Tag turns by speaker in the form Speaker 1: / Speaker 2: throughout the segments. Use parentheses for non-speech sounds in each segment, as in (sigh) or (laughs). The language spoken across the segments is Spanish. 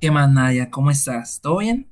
Speaker 1: ¿Qué más, Nadia? ¿Cómo estás? ¿Todo bien?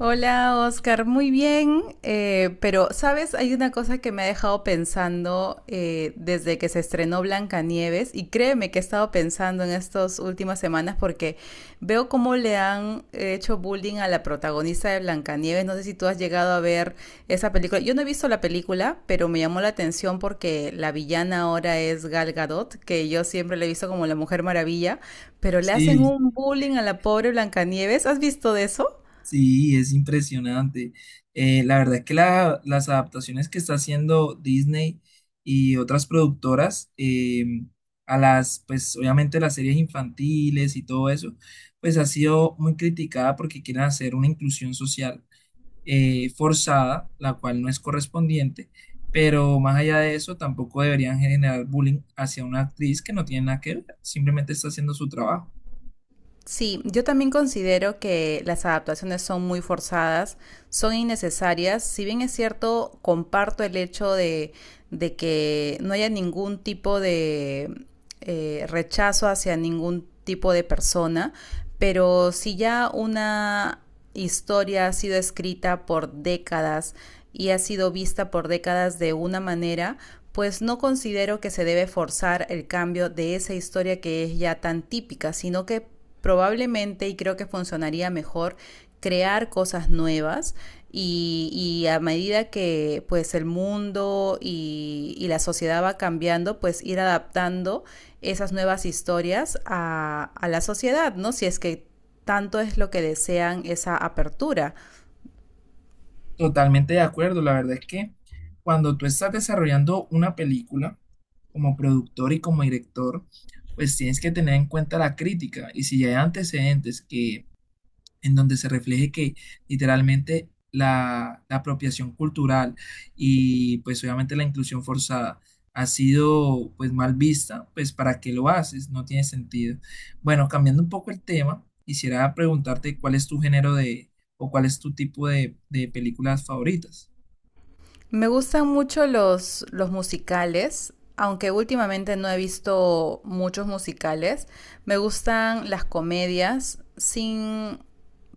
Speaker 2: Hola Oscar, muy bien, pero sabes, hay una cosa que me ha dejado pensando desde que se estrenó Blancanieves, y créeme que he estado pensando en estas últimas semanas porque veo cómo le han hecho bullying a la protagonista de Blancanieves. No sé si tú has llegado a ver esa película. Yo no he visto la película, pero me llamó la atención porque la villana ahora es Gal Gadot, que yo siempre la he visto como la Mujer Maravilla, pero le hacen
Speaker 1: Sí,
Speaker 2: un bullying a la pobre Blancanieves. ¿Has visto de eso?
Speaker 1: sí, es impresionante. La verdad es que las adaptaciones que está haciendo Disney y otras productoras a las, pues obviamente las series infantiles y todo eso, pues ha sido muy criticada porque quieren hacer una inclusión social forzada, la cual no es correspondiente, pero más allá de eso, tampoco deberían generar bullying hacia una actriz que no tiene nada que ver, simplemente está haciendo su trabajo.
Speaker 2: Sí, yo también considero que las adaptaciones son muy forzadas, son innecesarias. Si bien es cierto, comparto el hecho de que no haya ningún tipo de rechazo hacia ningún tipo de persona, pero si ya una historia ha sido escrita por décadas y ha sido vista por décadas de una manera, pues no considero que se debe forzar el cambio de esa historia que es ya tan típica, sino que probablemente, y creo que funcionaría mejor, crear cosas nuevas y a medida que pues el mundo y la sociedad va cambiando, pues ir adaptando esas nuevas historias a la sociedad, ¿no? Si es que tanto es lo que desean esa apertura.
Speaker 1: Totalmente de acuerdo. La verdad es que cuando tú estás desarrollando una película como productor y como director, pues tienes que tener en cuenta la crítica. Y si hay antecedentes que en donde se refleje que literalmente la apropiación cultural y pues obviamente la inclusión forzada ha sido pues mal vista, pues ¿para qué lo haces? No tiene sentido. Bueno, cambiando un poco el tema, quisiera preguntarte cuál es tu género de o cuál es tu tipo de películas favoritas.
Speaker 2: Me gustan mucho los musicales, aunque últimamente no he visto muchos musicales. Me gustan las comedias sin,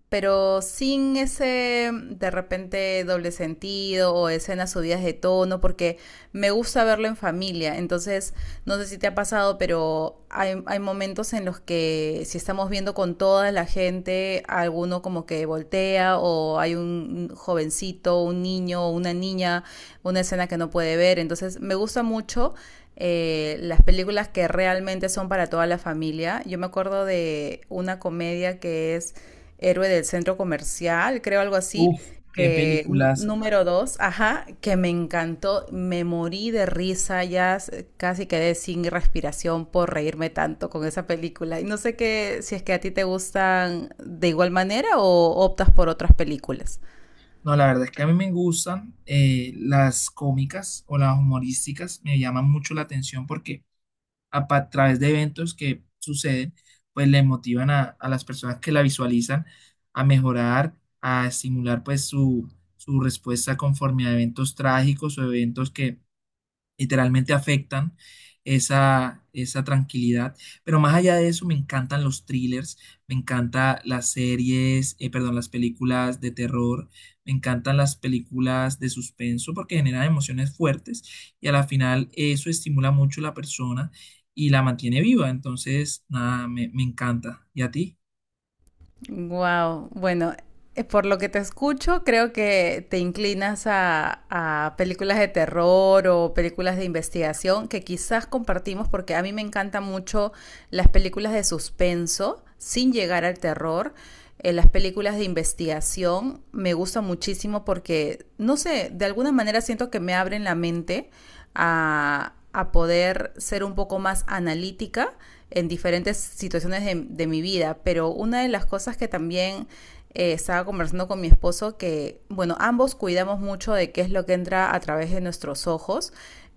Speaker 2: pero sin ese de repente doble sentido o escenas subidas de tono, porque me gusta verlo en familia. Entonces, no sé si te ha pasado, pero hay momentos en los que si estamos viendo con toda la gente, alguno como que voltea o hay un jovencito, un niño, o una niña, una escena que no puede ver. Entonces, me gusta mucho las películas que realmente son para toda la familia. Yo me acuerdo de una comedia que es héroe del centro comercial, creo algo así.
Speaker 1: Uf, qué películas.
Speaker 2: Número dos, ajá, que me encantó, me morí de risa, casi quedé sin respiración por reírme tanto con esa película. Y no sé qué, si es que a ti te gustan de igual manera o optas por otras películas.
Speaker 1: No, la verdad es que a mí me gustan las cómicas o las humorísticas, me llaman mucho la atención porque a través de eventos que suceden, pues le motivan a las personas que la visualizan a mejorar, a estimular pues su respuesta conforme a eventos trágicos o eventos que literalmente afectan esa, esa tranquilidad. Pero más allá de eso, me encantan los thrillers, me encantan las series, perdón, las películas de terror, me encantan las películas de suspenso porque generan emociones fuertes y a la final eso estimula mucho a la persona y la mantiene viva. Entonces, nada, me encanta. ¿Y a ti?
Speaker 2: Wow, bueno, por lo que te escucho, creo que te inclinas a películas de terror o películas de investigación que quizás compartimos, porque a mí me encantan mucho las películas de suspenso sin llegar al terror. Las películas de investigación me gustan muchísimo porque, no sé, de alguna manera siento que me abren la mente a poder ser un poco más analítica en diferentes situaciones de mi vida. Pero una de las cosas que también, estaba conversando con mi esposo que, bueno, ambos cuidamos mucho de qué es lo que entra a través de nuestros ojos.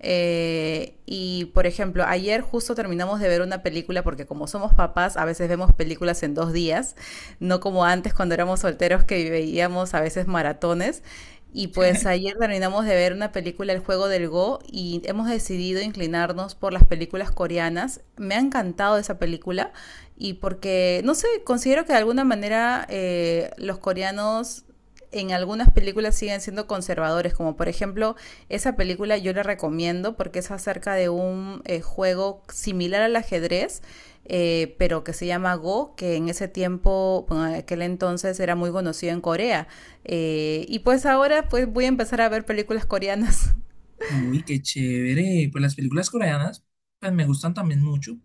Speaker 2: Y por ejemplo, ayer justo terminamos de ver una película, porque como somos papás, a veces vemos películas en dos días, no como antes cuando éramos solteros que veíamos a veces maratones. Y pues
Speaker 1: (laughs)
Speaker 2: ayer terminamos de ver una película, El juego del Go, y hemos decidido inclinarnos por las películas coreanas. Me ha encantado esa película, y porque, no sé, considero que de alguna manera los coreanos en algunas películas siguen siendo conservadores, como por ejemplo esa película yo la recomiendo porque es acerca de un juego similar al ajedrez, pero que se llama Go, que en ese tiempo, bueno, en aquel entonces era muy conocido en Corea. Y pues ahora pues voy a empezar a ver películas coreanas.
Speaker 1: Uy, qué chévere. Pues las películas coreanas, pues me gustan también mucho.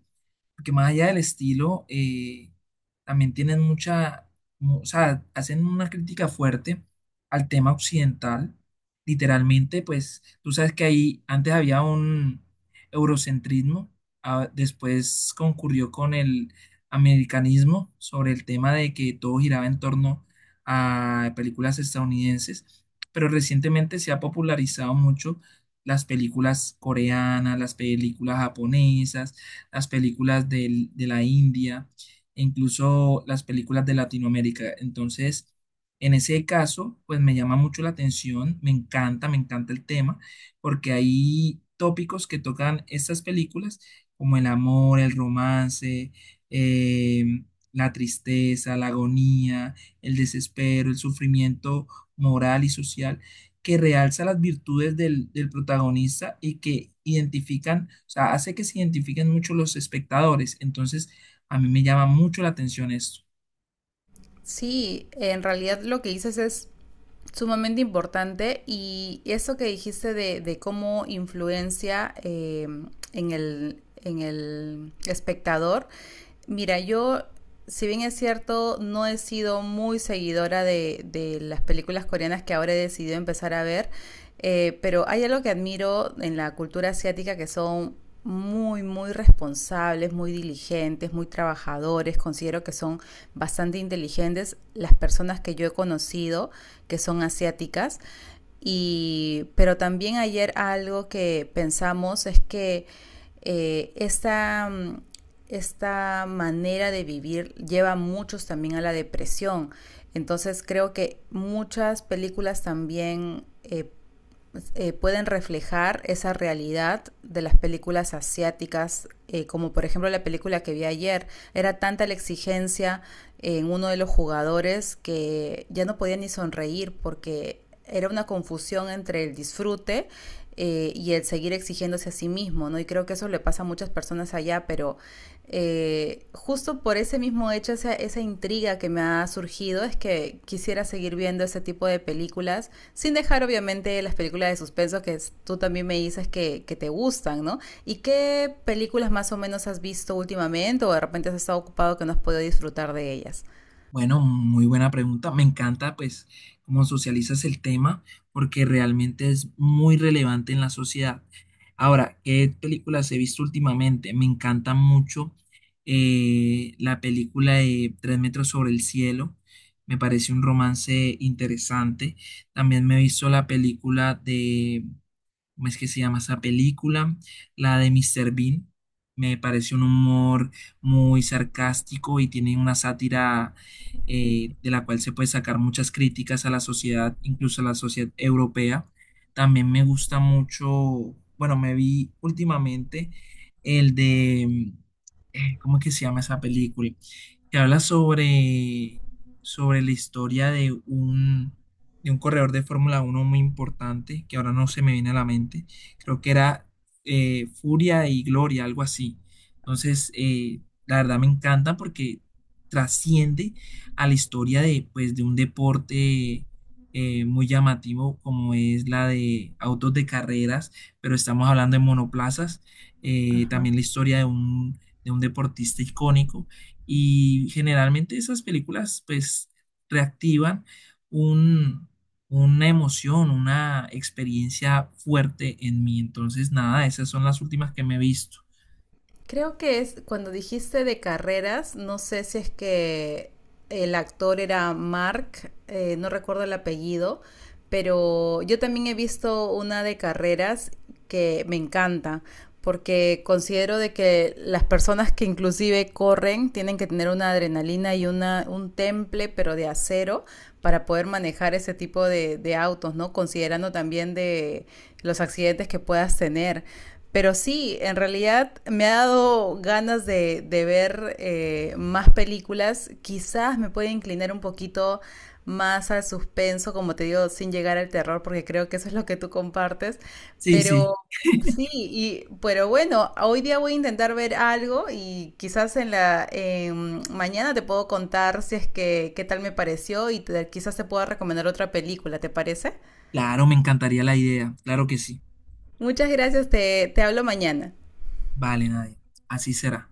Speaker 1: Porque más allá del estilo, también tienen mucha, o sea, hacen una crítica fuerte al tema occidental. Literalmente, pues tú sabes que ahí antes había un eurocentrismo, ah, después concurrió con el americanismo sobre el tema de que todo giraba en torno a películas estadounidenses, pero recientemente se ha popularizado mucho las películas coreanas, las películas japonesas las películas de la India, e incluso las películas de Latinoamérica. Entonces, en ese caso, pues me llama mucho la atención, me encanta el tema, porque hay tópicos que tocan estas películas, como el amor, el romance, em, la tristeza, la agonía, el desespero, el sufrimiento moral y social que realza las virtudes del, del protagonista y que identifican, o sea, hace que se identifiquen mucho los espectadores. Entonces, a mí me llama mucho la atención esto.
Speaker 2: (laughs) Sí, en realidad lo que dices es sumamente importante, y eso que dijiste de cómo influencia, en el espectador. Mira, yo, si bien es cierto, no he sido muy seguidora de las películas coreanas que ahora he decidido empezar a ver, pero hay algo que admiro en la cultura asiática, que son muy, muy responsables, muy diligentes, muy trabajadores. Considero que son bastante inteligentes las personas que yo he conocido que son asiáticas. Y, pero también ayer algo que pensamos es que, eh, esta, mm, esta manera de vivir lleva a muchos también a la depresión. Entonces creo que muchas películas también, pueden reflejar esa realidad de las películas asiáticas, como por ejemplo la película que vi ayer. Era tanta la exigencia en uno de los jugadores que ya no podía ni sonreír porque era una confusión entre el disfrute y el seguir exigiéndose a sí mismo, ¿no? Y creo que eso le pasa a muchas personas allá, pero justo por ese mismo hecho, esa intriga que me ha surgido es que quisiera seguir viendo ese tipo de películas, sin dejar obviamente las películas de suspenso tú también me dices que te gustan, ¿no? ¿Y qué películas más o menos has visto últimamente, o de repente has estado ocupado que no has podido disfrutar de ellas?
Speaker 1: Bueno, muy buena pregunta. Me encanta, pues, cómo socializas el tema, porque realmente es muy relevante en la sociedad. Ahora, ¿qué películas he visto últimamente? Me encanta mucho la película de Tres metros sobre el cielo. Me parece un romance interesante. También me he visto la película ¿cómo es que se llama esa película? La de Mr. Bean. Me parece un humor muy sarcástico y tiene una sátira de la cual se puede sacar muchas críticas a la sociedad, incluso a la sociedad europea. También me gusta mucho, bueno, me vi últimamente el de, ¿cómo es que se llama esa película? Que habla sobre, sobre la historia de un corredor de Fórmula 1 muy importante, que ahora no se me viene a la mente. Creo que era Furia y Gloria, algo así. Entonces, la verdad me encanta porque trasciende a la historia de, pues, de un deporte muy llamativo como es la de autos de carreras, pero estamos hablando de monoplazas, también la historia de un deportista icónico y generalmente esas películas pues reactivan un, una emoción, una experiencia fuerte en mí. Entonces, nada, esas son las últimas que me he visto.
Speaker 2: Creo que es cuando dijiste de carreras, no sé si es que el actor era Mark, no recuerdo el apellido. Pero yo también he visto una de carreras que me encanta, porque considero de que las personas que inclusive corren tienen que tener una adrenalina y una, un temple, pero de acero, para poder manejar ese tipo de autos, ¿no? Considerando también de los accidentes que puedas tener. Pero sí, en realidad me ha dado ganas de ver, más películas. Quizás me puede inclinar un poquito más al suspenso, como te digo, sin llegar al terror, porque creo que eso es lo que tú compartes.
Speaker 1: Sí, sí,
Speaker 2: Pero sí, y, pero bueno, hoy día voy a intentar ver algo y quizás en mañana te puedo contar si es que qué tal me pareció, quizás te pueda recomendar otra película, ¿te parece?
Speaker 1: claro, me encantaría la idea, claro que sí.
Speaker 2: Muchas gracias, te hablo mañana.
Speaker 1: Vale, Nadia, así será.